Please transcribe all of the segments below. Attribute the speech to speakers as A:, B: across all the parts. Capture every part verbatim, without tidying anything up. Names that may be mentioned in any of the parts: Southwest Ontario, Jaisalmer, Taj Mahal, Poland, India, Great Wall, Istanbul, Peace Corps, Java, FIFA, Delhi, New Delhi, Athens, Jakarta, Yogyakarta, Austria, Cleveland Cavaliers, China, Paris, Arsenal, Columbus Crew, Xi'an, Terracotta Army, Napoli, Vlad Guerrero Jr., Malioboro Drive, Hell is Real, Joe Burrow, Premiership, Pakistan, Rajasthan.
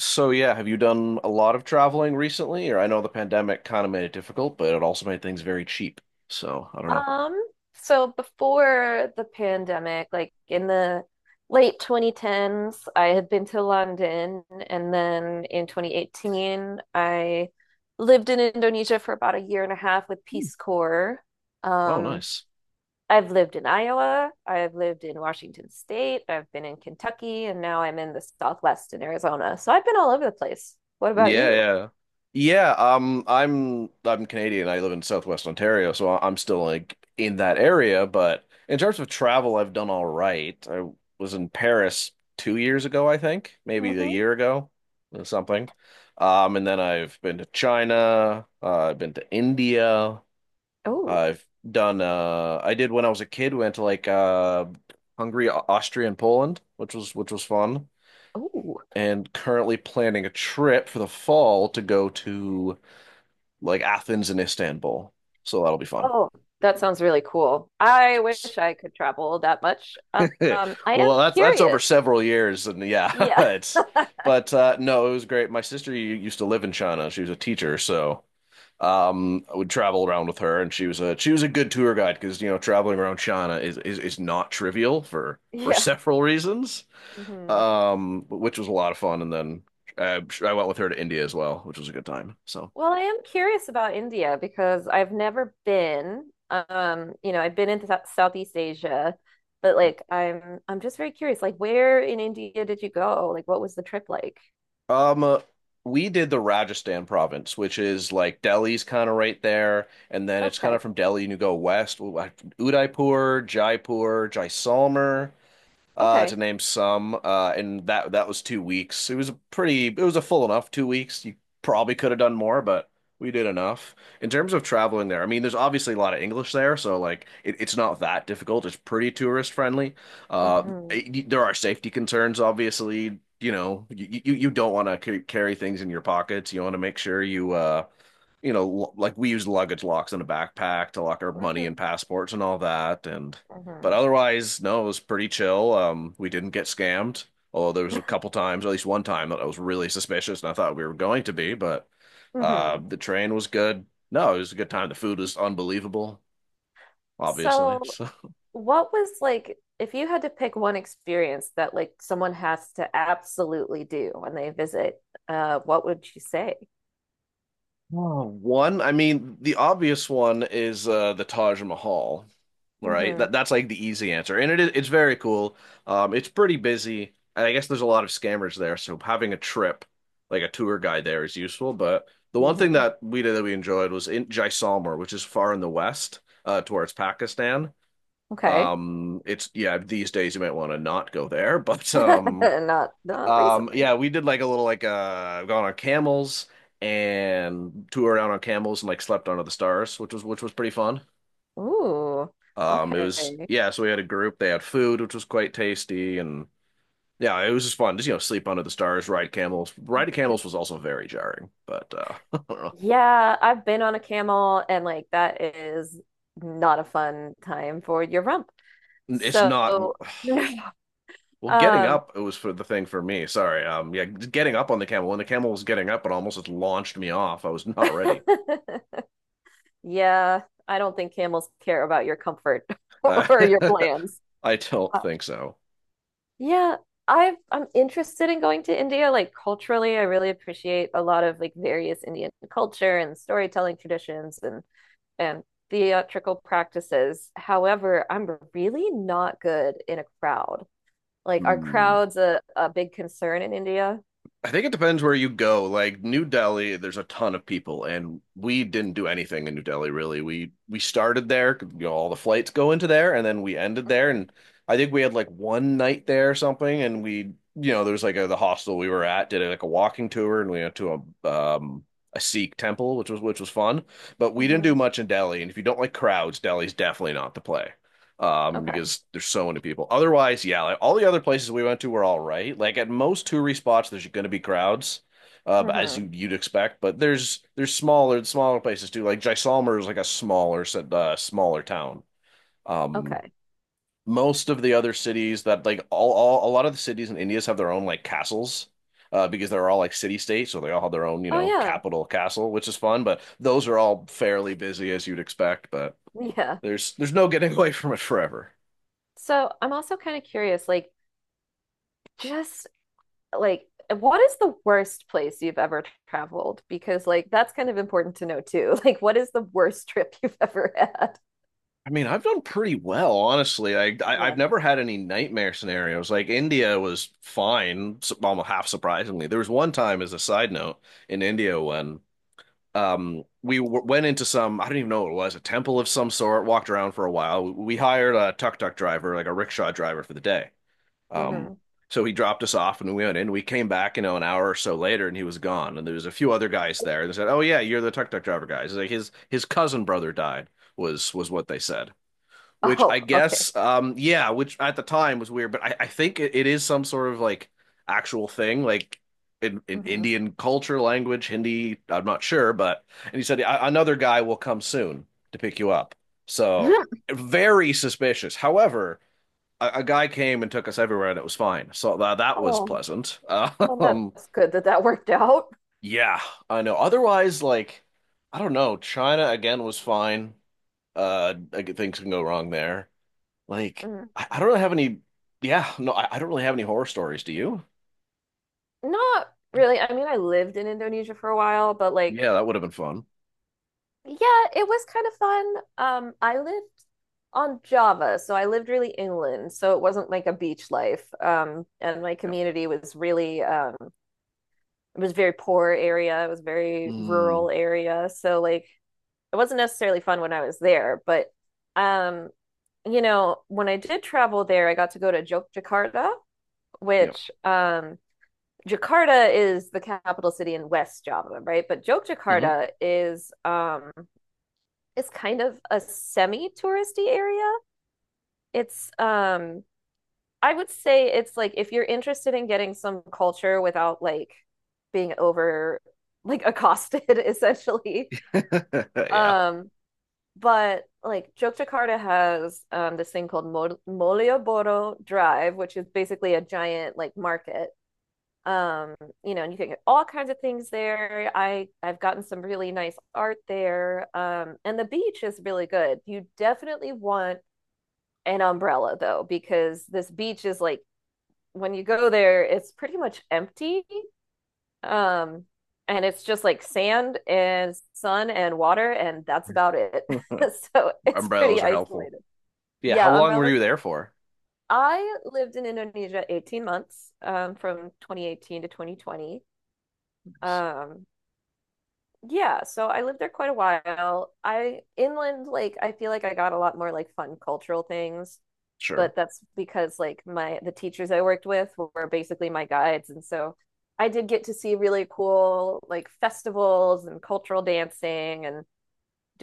A: So yeah, have you done a lot of traveling recently? Or I know the pandemic kind of made it difficult, but it also made things very cheap. So I don't know.
B: Um, so before the pandemic, like in the late twenty tens, I had been to London, and then in twenty eighteen, I lived in Indonesia for about a year and a half with Peace Corps.
A: Oh,
B: Um,
A: nice.
B: I've lived in Iowa, I've lived in Washington State, I've been in Kentucky, and now I'm in the Southwest in Arizona. So I've been all over the place. What about
A: Yeah,
B: you?
A: yeah. Yeah, um, I'm I'm Canadian. I live in Southwest Ontario, so I- I'm still like in that area, but in terms of travel, I've done all right. I was in Paris two years ago, I think, maybe a
B: Mm-hmm.
A: year ago or something. Um, and then I've been to China, uh, I've been to India,
B: Oh,
A: I've done uh I did when I was a kid, went to like uh Hungary, Au- Austria, and Poland, which was which was fun.
B: oh.
A: And currently planning a trip for the fall to go to like Athens and Istanbul. So that'll be fun.
B: Oh, that sounds really cool. I
A: Yes.
B: wish I could travel that much. Um, I am
A: Well, that's that's over
B: curious.
A: several years and yeah,
B: Yeah,
A: it's but uh no, it was great. My sister u- used to live in China. She was a teacher, so um I would travel around with her, and she was a she was a good tour guide because you know traveling around China is, is is not trivial for for
B: yeah.
A: several reasons,
B: Hmm.
A: um which was a lot of fun. And then I, I went with her to India as well, which was a good time, so
B: Well, I am curious about India because I've never been. Um, you know, I've been into Sou- Southeast Asia, but like I'm I'm just very curious. Like, where in India did you go? Like, what was the trip like?
A: um uh, we did the Rajasthan province, which is like Delhi's kind of right there, and then it's kind
B: Okay.
A: of from Delhi, and you go west: Udaipur, Jaipur, Jaisalmer, uh, to
B: Okay.
A: name some, uh, and that that was two weeks. It was a pretty, it was a full enough two weeks. You probably could have done more, but we did enough. In terms of traveling there, I mean, there's obviously a lot of English there, so like it, it's not that difficult. It's pretty tourist friendly. Uh,
B: Hmm.
A: it- there are safety concerns, obviously. You know, you you, you don't want to c carry things in your pockets. You want to make sure you uh you know, like we use luggage locks in a backpack to lock our money and
B: Hmm.
A: passports and all that. And but
B: Hmm.
A: otherwise, no, it was pretty chill. Um, we didn't get scammed, although there was a couple times, at least one time, that I was really suspicious, and I thought we were going to be. But uh,
B: Hmm.
A: the train was good. No, it was a good time. The food was unbelievable, obviously.
B: So
A: So.
B: what was like, if you had to pick one experience that like someone has to absolutely do when they visit, uh, what would you say?
A: Oh, one, I mean, the obvious one is uh, the Taj Mahal. Right?
B: Hmm.
A: That that's like the easy answer, and it is it's very cool. Um, it's pretty busy, and I guess there's a lot of scammers there, so having a trip, like a tour guide there, is useful. But the one thing
B: Hmm.
A: that we did that we enjoyed was in Jaisalmer, which is far in the west, uh, towards Pakistan.
B: Okay.
A: Um, it's Yeah, these days you might want to not go there, but um,
B: Not not
A: um,
B: recently.
A: yeah, we did like a little like uh, gone on camels. And toured around on camels and like slept under the stars, which was which was pretty fun.
B: Ooh.
A: Um, it
B: Okay.
A: was Yeah, so we had a group. They had food, which was quite tasty, and yeah, it was just fun. Just you know, sleep under the stars, ride camels. Riding camels was also very jarring, but uh, I don't know.
B: Yeah, I've been on a camel and like that is not a fun time for your rump.
A: It's
B: So,
A: not. Well, getting
B: um,
A: up, it was for the thing for me. Sorry. Um, yeah, getting up on the camel when the camel was getting up, it almost just launched me off. I was not ready.
B: yeah, I don't think camels care about your comfort
A: Uh,
B: or your plans.
A: I don't think so.
B: Yeah, I've I'm interested in going to India. Like, culturally, I really appreciate a lot of like various Indian culture and storytelling traditions and and theatrical practices. However, I'm really not good in a crowd. Like, are
A: Hmm.
B: crowds a, a big concern in India?
A: I think it depends where you go. Like New Delhi, there's a ton of people, and we didn't do anything in New Delhi really. We we started there, you know, all the flights go into there, and then we ended there.
B: Hmm.
A: And I think we had like one night there or something, and we, you know, there was like a, the hostel we were at did like a walking tour, and we went to a um a Sikh temple, which was which was fun. But we didn't do
B: Hmm.
A: much in Delhi, and if you don't like crowds, Delhi's definitely not the play, um,
B: Okay.
A: because there's so many people. Otherwise, yeah, like, all the other places we went to were all right. Like at most touristy spots, there's going to be crowds, uh, as
B: Hmm.
A: you you'd expect. But there's there's smaller smaller places too. Like Jaisalmer is like a smaller uh, smaller town. Um,
B: Okay.
A: Most of the other cities that like all, all a lot of the cities in India have their own like castles. Uh, because they're all like city states, so they all have their own, you
B: Oh
A: know,
B: yeah.
A: capital castle, which is fun. But those are all fairly busy as you'd expect. But
B: Yeah.
A: there's there's no getting away from it forever.
B: So I'm also kind of curious, like just like what is the worst place you've ever traveled? Because like that's kind of important to know too. Like, what is the worst trip you've ever had?
A: I mean, I've done pretty well, honestly. I, I
B: Yeah.
A: I've never had any nightmare scenarios. Like India was fine, s- almost half surprisingly. There was one time, as a side note, in India when um we w went into some, I don't even know what it was, a temple of some sort. Walked around for a while. We hired a tuk-tuk driver, like a rickshaw driver, for the day. Um,
B: Hmm.
A: so he dropped us off, and we went in. We came back, you know, an hour or so later, and he was gone. And there was a few other guys there, and they said, "Oh yeah, you're the tuk-tuk driver guys." Like his his cousin brother died, was was what they said, which I
B: Oh, okay.
A: guess, um, yeah, which at the time was weird, but I, I think it, it is some sort of like actual thing, like in, in
B: Hmm.
A: Indian culture, language, Hindi. I'm not sure, but and he said, "A- Another guy will come soon to pick you up." So, very suspicious. However, a, a guy came and took us everywhere, and it was fine. So that that was
B: Oh,
A: pleasant.
B: well,
A: Um,
B: that's good that that worked out.
A: yeah, I know. Otherwise, like, I don't know. China again was fine. Uh, I g- things can go wrong there. Like,
B: Mhm.
A: I, I don't really have any. Yeah, no, I, I don't really have any horror stories. Do you?
B: Not really. I mean, I lived in Indonesia for a while, but like,
A: Yeah, that would have been fun.
B: yeah, it was kind of fun. Um, I lived on Java, so I lived really inland, so it wasn't like a beach life. Um, and my
A: Yeah.
B: community was really um it was a very poor area. It was a very
A: Mm,
B: rural area. So like it wasn't necessarily fun when I was there, but um, you know, when I did travel there, I got to go to Jok,
A: yeah.
B: which um Jakarta is the capital city in West Java, right? But
A: Hmm.
B: Jogjakarta is um it's kind of a semi-touristy area. It's um I would say it's like if you're interested in getting some culture without like being over like accosted essentially.
A: Yeah.
B: Um, but like Yogyakarta has um this thing called Mol- Malioboro Drive, which is basically a giant like market. Um, you know, and you can get all kinds of things there. I I've gotten some really nice art there. Um, and the beach is really good. You definitely want an umbrella though, because this beach is like when you go there, it's pretty much empty. Um, and it's just like sand and sun and water, and that's about it. So it's pretty
A: Umbrellas are helpful.
B: isolated.
A: Yeah. How
B: Yeah,
A: long were
B: umbrellas.
A: you there for?
B: I lived in Indonesia eighteen months, um, from twenty eighteen to twenty twenty. Um, yeah, so I lived there quite a while. I inland, like, I feel like I got a lot more like fun cultural things.
A: Sure.
B: But that's because like my the teachers I worked with were basically my guides, and so I did get to see really cool like festivals and cultural dancing and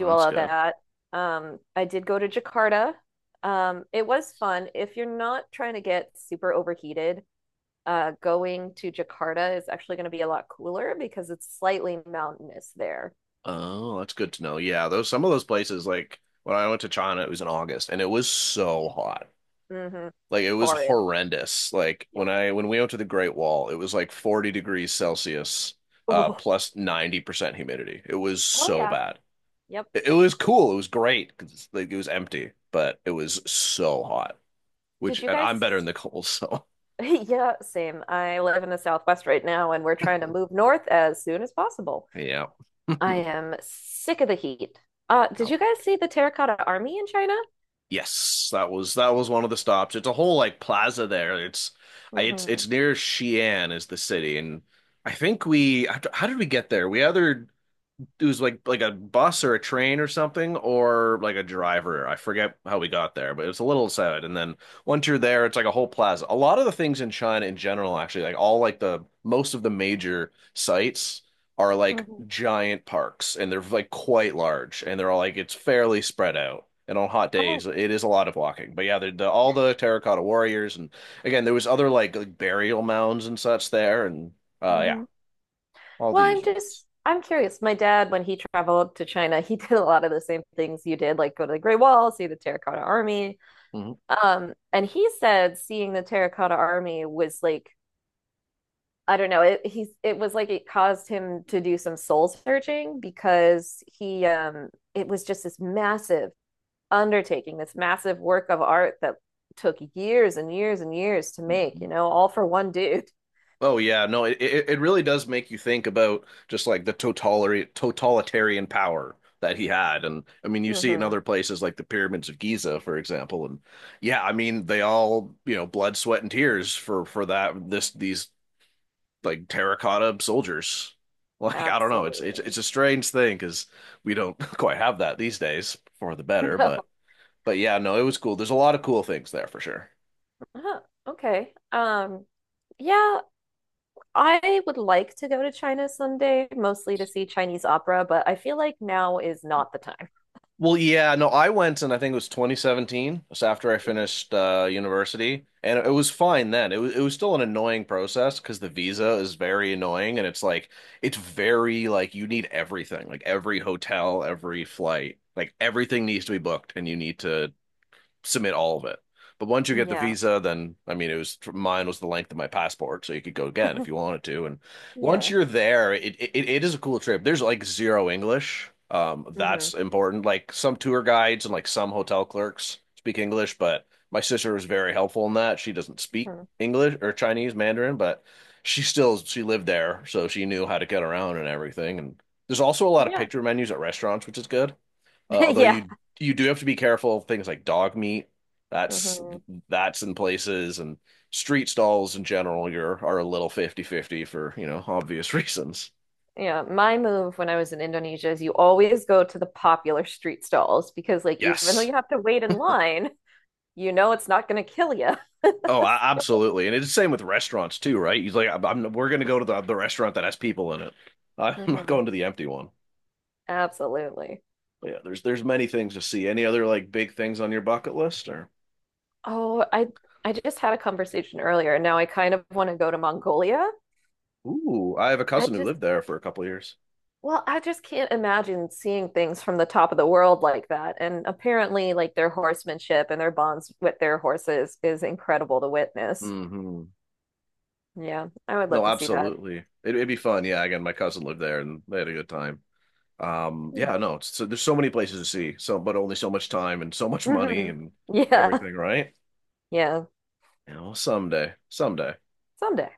A: Oh,
B: all
A: that's
B: of
A: good.
B: that. Um, I did go to Jakarta. Um, it was fun. If you're not trying to get super overheated, uh, going to Jakarta is actually going to be a lot cooler because it's slightly mountainous there.
A: Oh, that's good to know. Yeah, those some of those places, like when I went to China, it was in August and it was so hot.
B: Hmm.
A: Like it was
B: Horrid.
A: horrendous. Like when
B: Yep.
A: I when we went to the Great Wall, it was like forty degrees Celsius, uh,
B: Oh,
A: ninety percent humidity. It was
B: oh
A: so
B: yeah.
A: bad.
B: Yep.
A: It, it was cool. It was great because like it was empty, but it was so hot. Which
B: Did you
A: and I'm better in
B: guys
A: the cold, so
B: Yeah, same. I live in the Southwest right now, and we're trying to move north as soon as possible.
A: yeah.
B: I am sick of the heat. Uh, did
A: Yeah.
B: you guys see the Terracotta Army in China?
A: Yes, that was that was one of the stops. It's a whole like plaza there. It's it's it's
B: Mm-hmm.
A: near Xi'an is the city, and I think we how did we get there? We either It was like like a bus or a train or something or like a driver. I forget how we got there, but it was a little sad. And then once you're there, it's like a whole plaza. A lot of the things in China in general, actually, like all like the most of the major sites are like
B: Mm-hmm.
A: giant parks, and they're like quite large, and they're all like it's fairly spread out. And on hot
B: Oh,
A: days, it is a lot of walking. But yeah, the, the all the terracotta warriors, and again, there was other like, like burial mounds and such there, and uh yeah,
B: mm-hmm.
A: all the
B: Well, I'm
A: usuals.
B: just, I'm curious. My dad, when he traveled to China, he did a lot of the same things you did, like go to the Great Wall, see the Terracotta Army. Um, and he said seeing the Terracotta Army was like I don't know. It he's it was like it caused him to do some soul searching because he um it was just this massive undertaking, this massive work of art that took years and years and years to make,
A: Mhm.
B: you know, all for one dude.
A: Oh yeah, no, it it it really does make you think about just like the totalitarian totalitarian power that he had. And I mean, you see it in
B: Hmm.
A: other places like the pyramids of Giza, for example. And yeah, I mean, they all, you know, blood, sweat, and tears for for that this these like terracotta soldiers. Like, I don't know, it's it's it's
B: Absolutely.
A: a strange thing, because we don't quite have that these days, for the better,
B: No.
A: but but yeah, no, it was cool. There's a lot of cool things there for sure.
B: Huh. Okay. Um yeah, I would like to go to China someday, mostly to see Chinese opera, but I feel like now is not the time.
A: Well, yeah, no, I went, and I think it was twenty seventeen, just after I finished uh, university, and it was fine then. It was it was still an annoying process because the visa is very annoying, and it's like it's very like you need everything, like every hotel, every flight, like everything needs to be booked, and you need to submit all of it. But once you
B: Mhm.
A: get the
B: Yeah.
A: visa, then I mean, it was mine was the length of my passport, so you could go again if you wanted to. And once
B: Yeah.
A: you're there, it it, it is a cool trip. There's like zero English. Um,
B: Hmm.
A: that's important. Like some tour guides and like some hotel clerks speak English, but my sister was very helpful in that. She doesn't speak
B: Hmm.
A: English or Chinese Mandarin, but she still she lived there, so she knew how to get around and everything. And there's also a lot of
B: Yeah.
A: picture menus at restaurants, which is good. Uh, although
B: Yeah.
A: you you do have to be careful of things like dog meat. That's
B: Mhm.
A: that's in places, and street stalls in general you're are a little fifty fifty for, you know, obvious reasons.
B: Yeah, my move when I was in Indonesia is you always go to the popular street stalls because, like, even though
A: Yes.
B: you have to wait in line, you know it's not going to kill you.
A: Oh, a- absolutely. And it's the same with restaurants too, right? He's like, I'm, I'm- we're going to go to the, the restaurant that has people in it. I'm not
B: Hmm.
A: going to the empty one.
B: Absolutely.
A: But yeah, there's there's many things to see. Any other like big things on your bucket list or?
B: Oh, I I just had a conversation earlier. Now I kind of want to go to Mongolia.
A: Ooh, I have a
B: I
A: cousin who
B: just,
A: lived there for a couple of years.
B: well, I just can't imagine seeing things from the top of the world like that. And apparently, like, their horsemanship and their bonds with their horses is incredible to witness.
A: Hmm.
B: Yeah, I would love
A: No,
B: to see that.
A: absolutely. It, it'd be fun. Yeah, again, my cousin lived there and they had a good time. Um, yeah, no, it's, so there's so many places to see, so but only so much time and so much money
B: Hmm.
A: and
B: Yeah.
A: everything, right?
B: Yeah.
A: You know, someday, someday.
B: Someday.